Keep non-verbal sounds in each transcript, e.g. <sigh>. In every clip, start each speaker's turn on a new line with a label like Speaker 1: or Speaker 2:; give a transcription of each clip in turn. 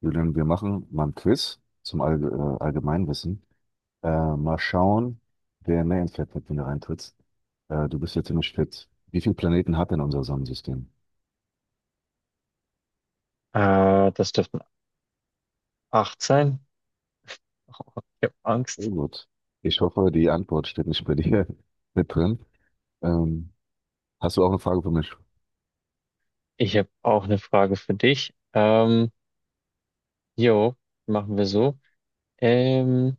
Speaker 1: Julian, wir machen mal ein Quiz zum Allgemeinwissen. Mal schauen, wer mehr ins Fett hat, wenn du reintrittst. Du bist ja ziemlich fit. Wie viele Planeten hat denn unser Sonnensystem?
Speaker 2: Das dürften acht sein. Ich habe
Speaker 1: Oh
Speaker 2: Angst.
Speaker 1: gut. Ich hoffe, die Antwort steht nicht bei dir <laughs> mit drin. Ähm, Hast du auch eine Frage für mich?
Speaker 2: Ich habe auch eine Frage für dich. Jo, machen wir so. Ähm,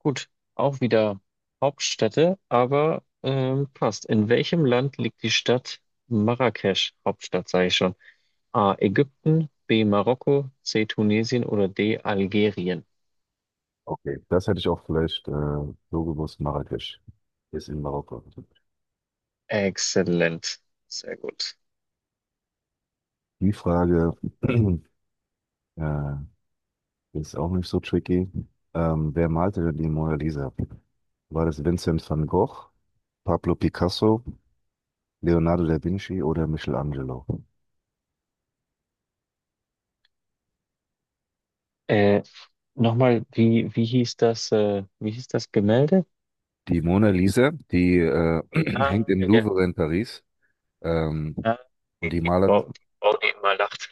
Speaker 2: gut, auch wieder Hauptstädte, aber passt. In welchem Land liegt die Stadt Marrakesch? Hauptstadt, sage ich schon. A. Ägypten, B. Marokko, C. Tunesien oder D. Algerien.
Speaker 1: Okay, das hätte ich auch vielleicht so gewusst. Marrakesch ist in Marokko.
Speaker 2: Exzellent. Sehr gut.
Speaker 1: Die Frage <clears throat> äh, ist auch nicht so tricky. Wer malte denn die Mona Lisa? War das Vincent van Gogh, Pablo Picasso, Leonardo da Vinci oder Michelangelo?
Speaker 2: Äh, Nochmal, wie hieß das, wie hieß das Gemälde?
Speaker 1: Die Mona Lisa, die <clears throat>
Speaker 2: Ah,
Speaker 1: hängt im
Speaker 2: ja.
Speaker 1: Louvre in Paris. Ähm,
Speaker 2: Ja,
Speaker 1: und die malert,
Speaker 2: Frau, die immer lacht.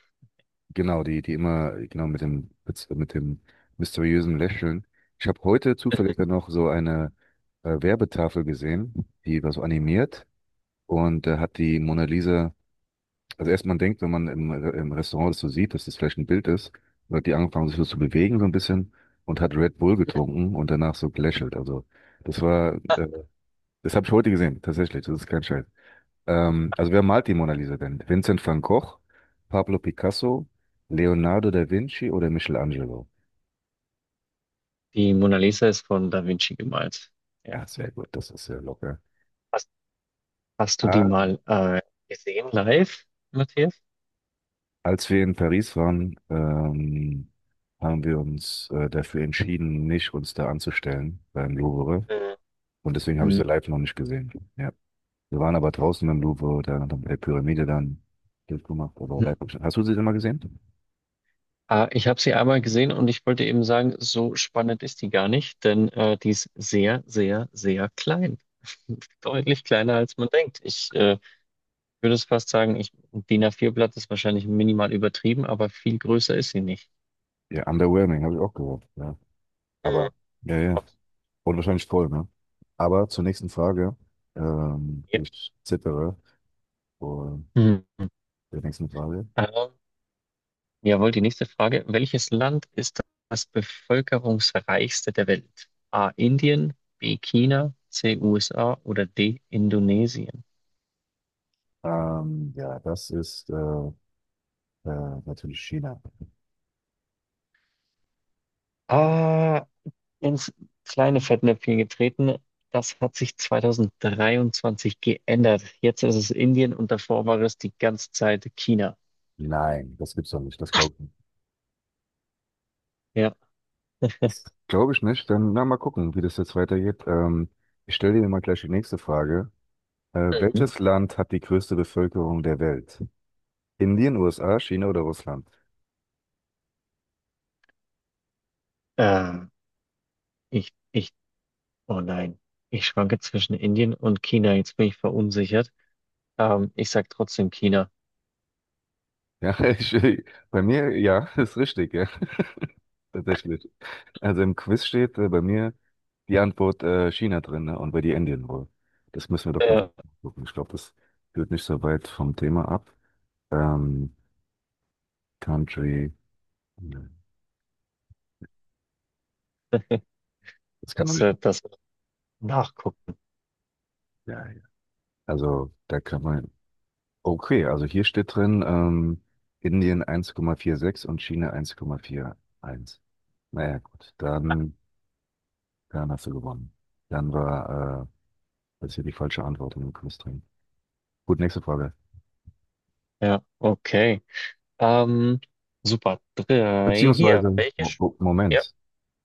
Speaker 1: genau, die, die immer, genau, mit dem mysteriösen Lächeln. Ich habe heute zufällig dann
Speaker 2: <laughs>
Speaker 1: noch so eine Werbetafel gesehen, die war so animiert und da hat die Mona Lisa. Also erst man denkt, wenn man im Restaurant das so sieht, dass das vielleicht ein Bild ist, wird die angefangen, sich so zu bewegen so ein bisschen und hat Red Bull getrunken und danach so gelächelt. Also das war, das habe ich heute gesehen, tatsächlich, das ist kein Scheiß. Also wer malt die Mona Lisa denn? Vincent van Gogh, Pablo Picasso, Leonardo da Vinci oder Michelangelo?
Speaker 2: Die Mona Lisa ist von Da Vinci gemalt. Ja.
Speaker 1: Ja, sehr gut, das ist sehr locker.
Speaker 2: Hast, hast du die
Speaker 1: Ah,
Speaker 2: mal gesehen live, Matthias?
Speaker 1: als wir in Paris waren, haben wir uns dafür entschieden, nicht uns da anzustellen beim Louvre. Und deswegen
Speaker 2: Mhm.
Speaker 1: habe ich sie
Speaker 2: Mhm.
Speaker 1: live noch nicht gesehen. Ja. Wir waren aber draußen im Louvre, da haben bei der Pyramide dann Bild gemacht, aber live. Hast du sie denn mal gesehen?
Speaker 2: Ah, ich habe sie einmal gesehen und ich wollte eben sagen, so spannend ist die gar nicht, denn die ist sehr, sehr, sehr klein. <laughs> Deutlich kleiner, als man denkt. Ich würde es fast sagen, ich, ein DIN A4-Blatt ist wahrscheinlich minimal übertrieben, aber viel größer ist sie nicht.
Speaker 1: Ja, underwhelming, habe ich auch gehört. Ja.
Speaker 2: Mhm.
Speaker 1: Aber, ja, ja. Und wahrscheinlich voll, ne? Aber zur nächsten Frage.
Speaker 2: Ja.
Speaker 1: Ich zittere vor
Speaker 2: Mhm.
Speaker 1: der nächsten Frage.
Speaker 2: Ähm, Jawohl, die nächste Frage. Welches Land ist das bevölkerungsreichste der Welt? A. Indien, B. China, C. USA oder D. Indonesien?
Speaker 1: Ja, das ist natürlich China.
Speaker 2: Ah, ins kleine Fettnäpfchen getreten. Das hat sich 2023 geändert. Jetzt ist es Indien und davor war es die ganze Zeit China.
Speaker 1: Nein, das gibt's doch nicht. Das glaubt nicht.
Speaker 2: Ja.
Speaker 1: Das glaube ich nicht. Dann na, mal gucken, wie das jetzt weitergeht. Ich stelle dir mal gleich die nächste Frage.
Speaker 2: Mhm.
Speaker 1: Welches Land hat die größte Bevölkerung der Welt? Indien, USA, China oder Russland?
Speaker 2: Ähm, ich, ich, oh nein. Ich schwanke zwischen Indien und China. Jetzt bin ich verunsichert. Ich sag trotzdem China.
Speaker 1: Ja, <laughs> bei mir, ja, <laughs> ist richtig, ja, <laughs> tatsächlich. Also im Quiz steht bei mir die Antwort China drin, ne? Und bei dir Indien wohl. Das müssen wir doch ganz
Speaker 2: Ja.
Speaker 1: genau gucken. Ich glaube, das führt nicht so weit vom Thema ab. Ähm, Country, ne, das kann man
Speaker 2: Dass
Speaker 1: nicht.
Speaker 2: er dass wir nachgucken.
Speaker 1: Ja, ja. Also da kann man. Okay, also hier steht drin, Indien 1,46 und China 1,41. Naja, gut, dann, dann hast du gewonnen. Dann war das hier die falsche Antwort in dem Quiz drin. Gut, nächste Frage.
Speaker 2: Ja, okay. Ähm, Super. Drei. Hier.
Speaker 1: Beziehungsweise,
Speaker 2: Welche? Ja,
Speaker 1: Moment,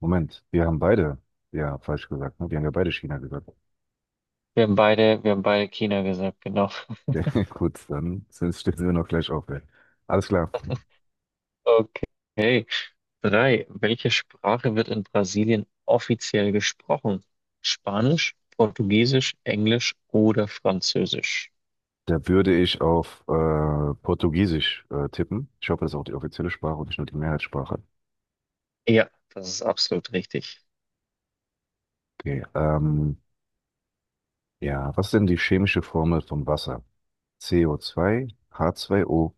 Speaker 1: Moment, wir haben beide ja falsch gesagt, ne? Wir haben ja beide China gesagt. <laughs>
Speaker 2: wir haben beide China gesagt, genau. <laughs>
Speaker 1: Ja, gut, dann sind, stehen wir noch gleich auf. Ey. Alles klar.
Speaker 2: Okay. Drei. Welche Sprache wird in Brasilien offiziell gesprochen? Spanisch, Portugiesisch, Englisch oder Französisch?
Speaker 1: Da würde ich auf Portugiesisch tippen. Ich hoffe, das ist auch die offizielle Sprache und nicht nur die Mehrheitssprache.
Speaker 2: Ja, das ist absolut richtig.
Speaker 1: Okay, ja, was ist denn die chemische Formel von Wasser? CO2, H2O,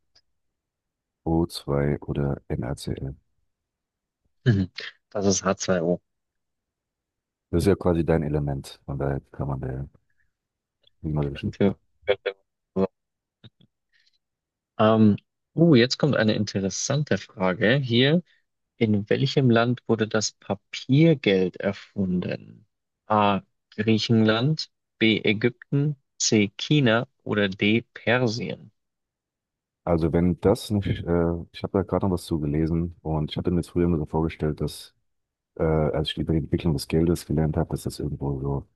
Speaker 1: O2 oder NaCl.
Speaker 2: Mhm. <laughs> Das ist H2O.
Speaker 1: Das ist ja quasi dein Element, von daher kann man da nicht mal geschrieben.
Speaker 2: Könnte, könnte. Ähm, jetzt kommt eine interessante Frage hier. In welchem Land wurde das Papiergeld erfunden? A. Griechenland, B. Ägypten, C. China oder D. Persien?
Speaker 1: Also wenn das nicht, ich habe da gerade noch was zu gelesen und ich hatte mir jetzt früher immer so vorgestellt, dass als ich über die Entwicklung des Geldes gelernt habe, dass das irgendwo so,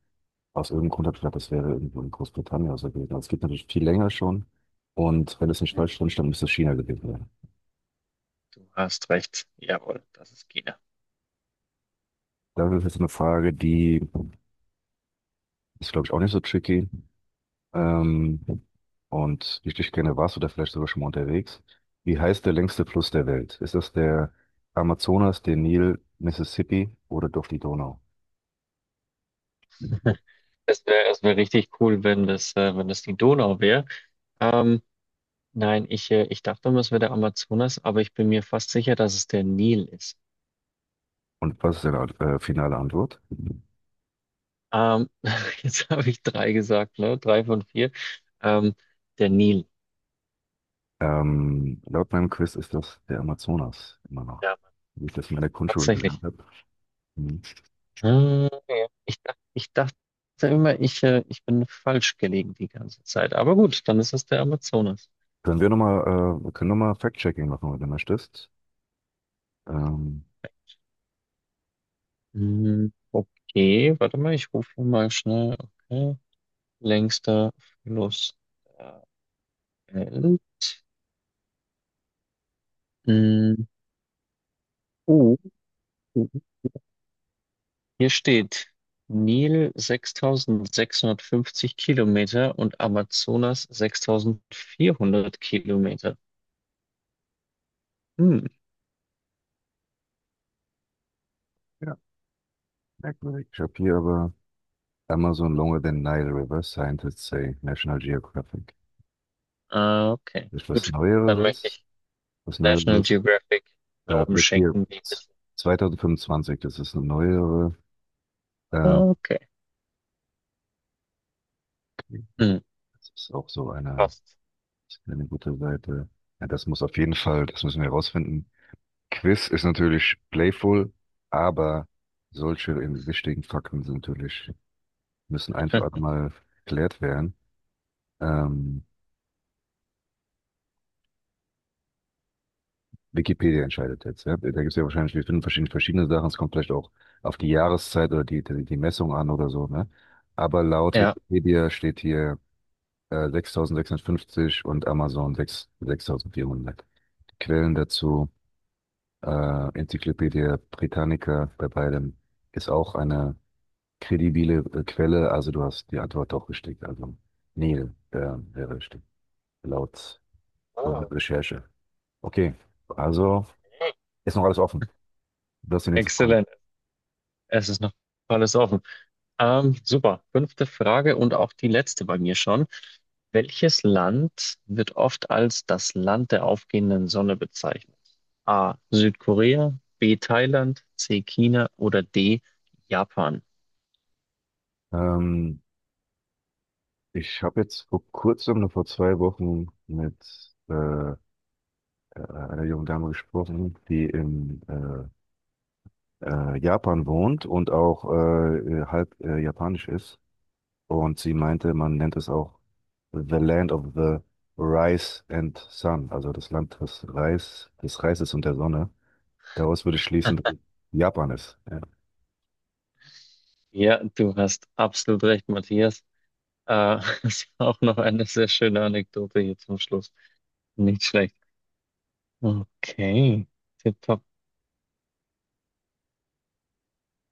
Speaker 1: aus irgendeinem Grund habe ich gedacht, das wäre irgendwo in Großbritannien oder so gewesen. Aber es gibt natürlich viel länger schon und wenn es nicht falsch drin stand, müsste es China gewesen sein.
Speaker 2: Du hast recht. Jawohl, das ist China.
Speaker 1: Das ist jetzt eine Frage, die ist, glaube ich, auch nicht so tricky. Ähm, und wie ich dich kenne, warst du da vielleicht sogar schon mal unterwegs. Wie heißt der längste Fluss der Welt? Ist das der Amazonas, der Nil, Mississippi oder doch die Donau?
Speaker 2: <laughs> Es wär richtig cool, wenn das, wenn das die Donau wäre. Ähm, nein, ich, ich dachte immer, es wäre der Amazonas, aber ich bin mir fast sicher, dass es der Nil ist.
Speaker 1: Und was ist deine finale Antwort?
Speaker 2: Ähm, <laughs> Jetzt habe ich drei gesagt, ne? Drei von vier. Ähm, Der Nil.
Speaker 1: Laut meinem Quiz ist das der Amazonas immer noch,
Speaker 2: Ja, Mann.
Speaker 1: wie ich das in meiner Grundschule
Speaker 2: Tatsächlich.
Speaker 1: gelernt habe. Mhm.
Speaker 2: Ah, ja. Ich dachte immer, ich, ich bin falsch gelegen die ganze Zeit. Aber gut, dann ist es der Amazonas.
Speaker 1: Können wir nochmal, wir können nochmal Fact-Checking machen, wenn du möchtest. Ähm,
Speaker 2: Hm. Okay, warte mal, ich rufe mal schnell. Okay. Längster Fluss der Welt. Hm. Oh, oh, hier steht Nil 6.650 Kilometer und Amazonas 6.400 Kilometer. Hm.
Speaker 1: ja, merkwürdig. Ich habe hier aber Amazon longer than Nile River, scientists say, National Geographic.
Speaker 2: Ah, okay.
Speaker 1: Ist was
Speaker 2: Gut, dann möchte
Speaker 1: Neueres?
Speaker 2: ich
Speaker 1: Was
Speaker 2: National
Speaker 1: Neueres?
Speaker 2: Geographic Glauben
Speaker 1: Vielleicht hier
Speaker 2: schenken, wie Wissen.
Speaker 1: 2025, das ist eine neuere. Äh,
Speaker 2: Okay.
Speaker 1: okay.
Speaker 2: Hm,
Speaker 1: Das ist auch so
Speaker 2: passt.
Speaker 1: eine gute Seite. Ja, das muss auf jeden Fall, das müssen wir herausfinden. Quiz ist natürlich playful, aber solche in wichtigen Fakten sind natürlich, müssen einfach
Speaker 2: <laughs>
Speaker 1: mal geklärt werden. Ähm, Wikipedia entscheidet jetzt, ja. Da gibt es ja wahrscheinlich, wir finden verschiedene, verschiedene Sachen. Es kommt vielleicht auch auf die Jahreszeit oder die Messung an oder so, ne? Aber laut
Speaker 2: Ja.
Speaker 1: Wikipedia steht hier 6650 und Amazon 6, 6400. Quellen dazu, Enzyklopädie Britannica bei beidem ist auch eine kredibile Quelle. Also du hast die Antwort doch richtig. Also Neil wäre richtig. Laut und
Speaker 2: Ah,
Speaker 1: Recherche. Okay, also
Speaker 2: okay.
Speaker 1: ist noch alles offen. Das ist die nächste Frage.
Speaker 2: Exzellent. Es ist noch alles offen. Super. Fünfte Frage und auch die letzte bei mir schon. Welches Land wird oft als das Land der aufgehenden Sonne bezeichnet? A. Südkorea, B. Thailand, C. China oder D. Japan?
Speaker 1: Ähm, ich habe jetzt vor kurzem, nur vor 2 Wochen, mit einer jungen Dame gesprochen, die in Japan wohnt und auch halb japanisch ist. Und sie meinte, man nennt es auch The Land of the Rice and Sun, also das Land des Reis, des Reises und der Sonne. Daraus würde ich schließen, dass es Japan ist. Ja.
Speaker 2: Ja, du hast absolut recht, Matthias. <laughs> Das war auch noch eine sehr schöne Anekdote hier zum Schluss. Nicht schlecht. Okay. Tipp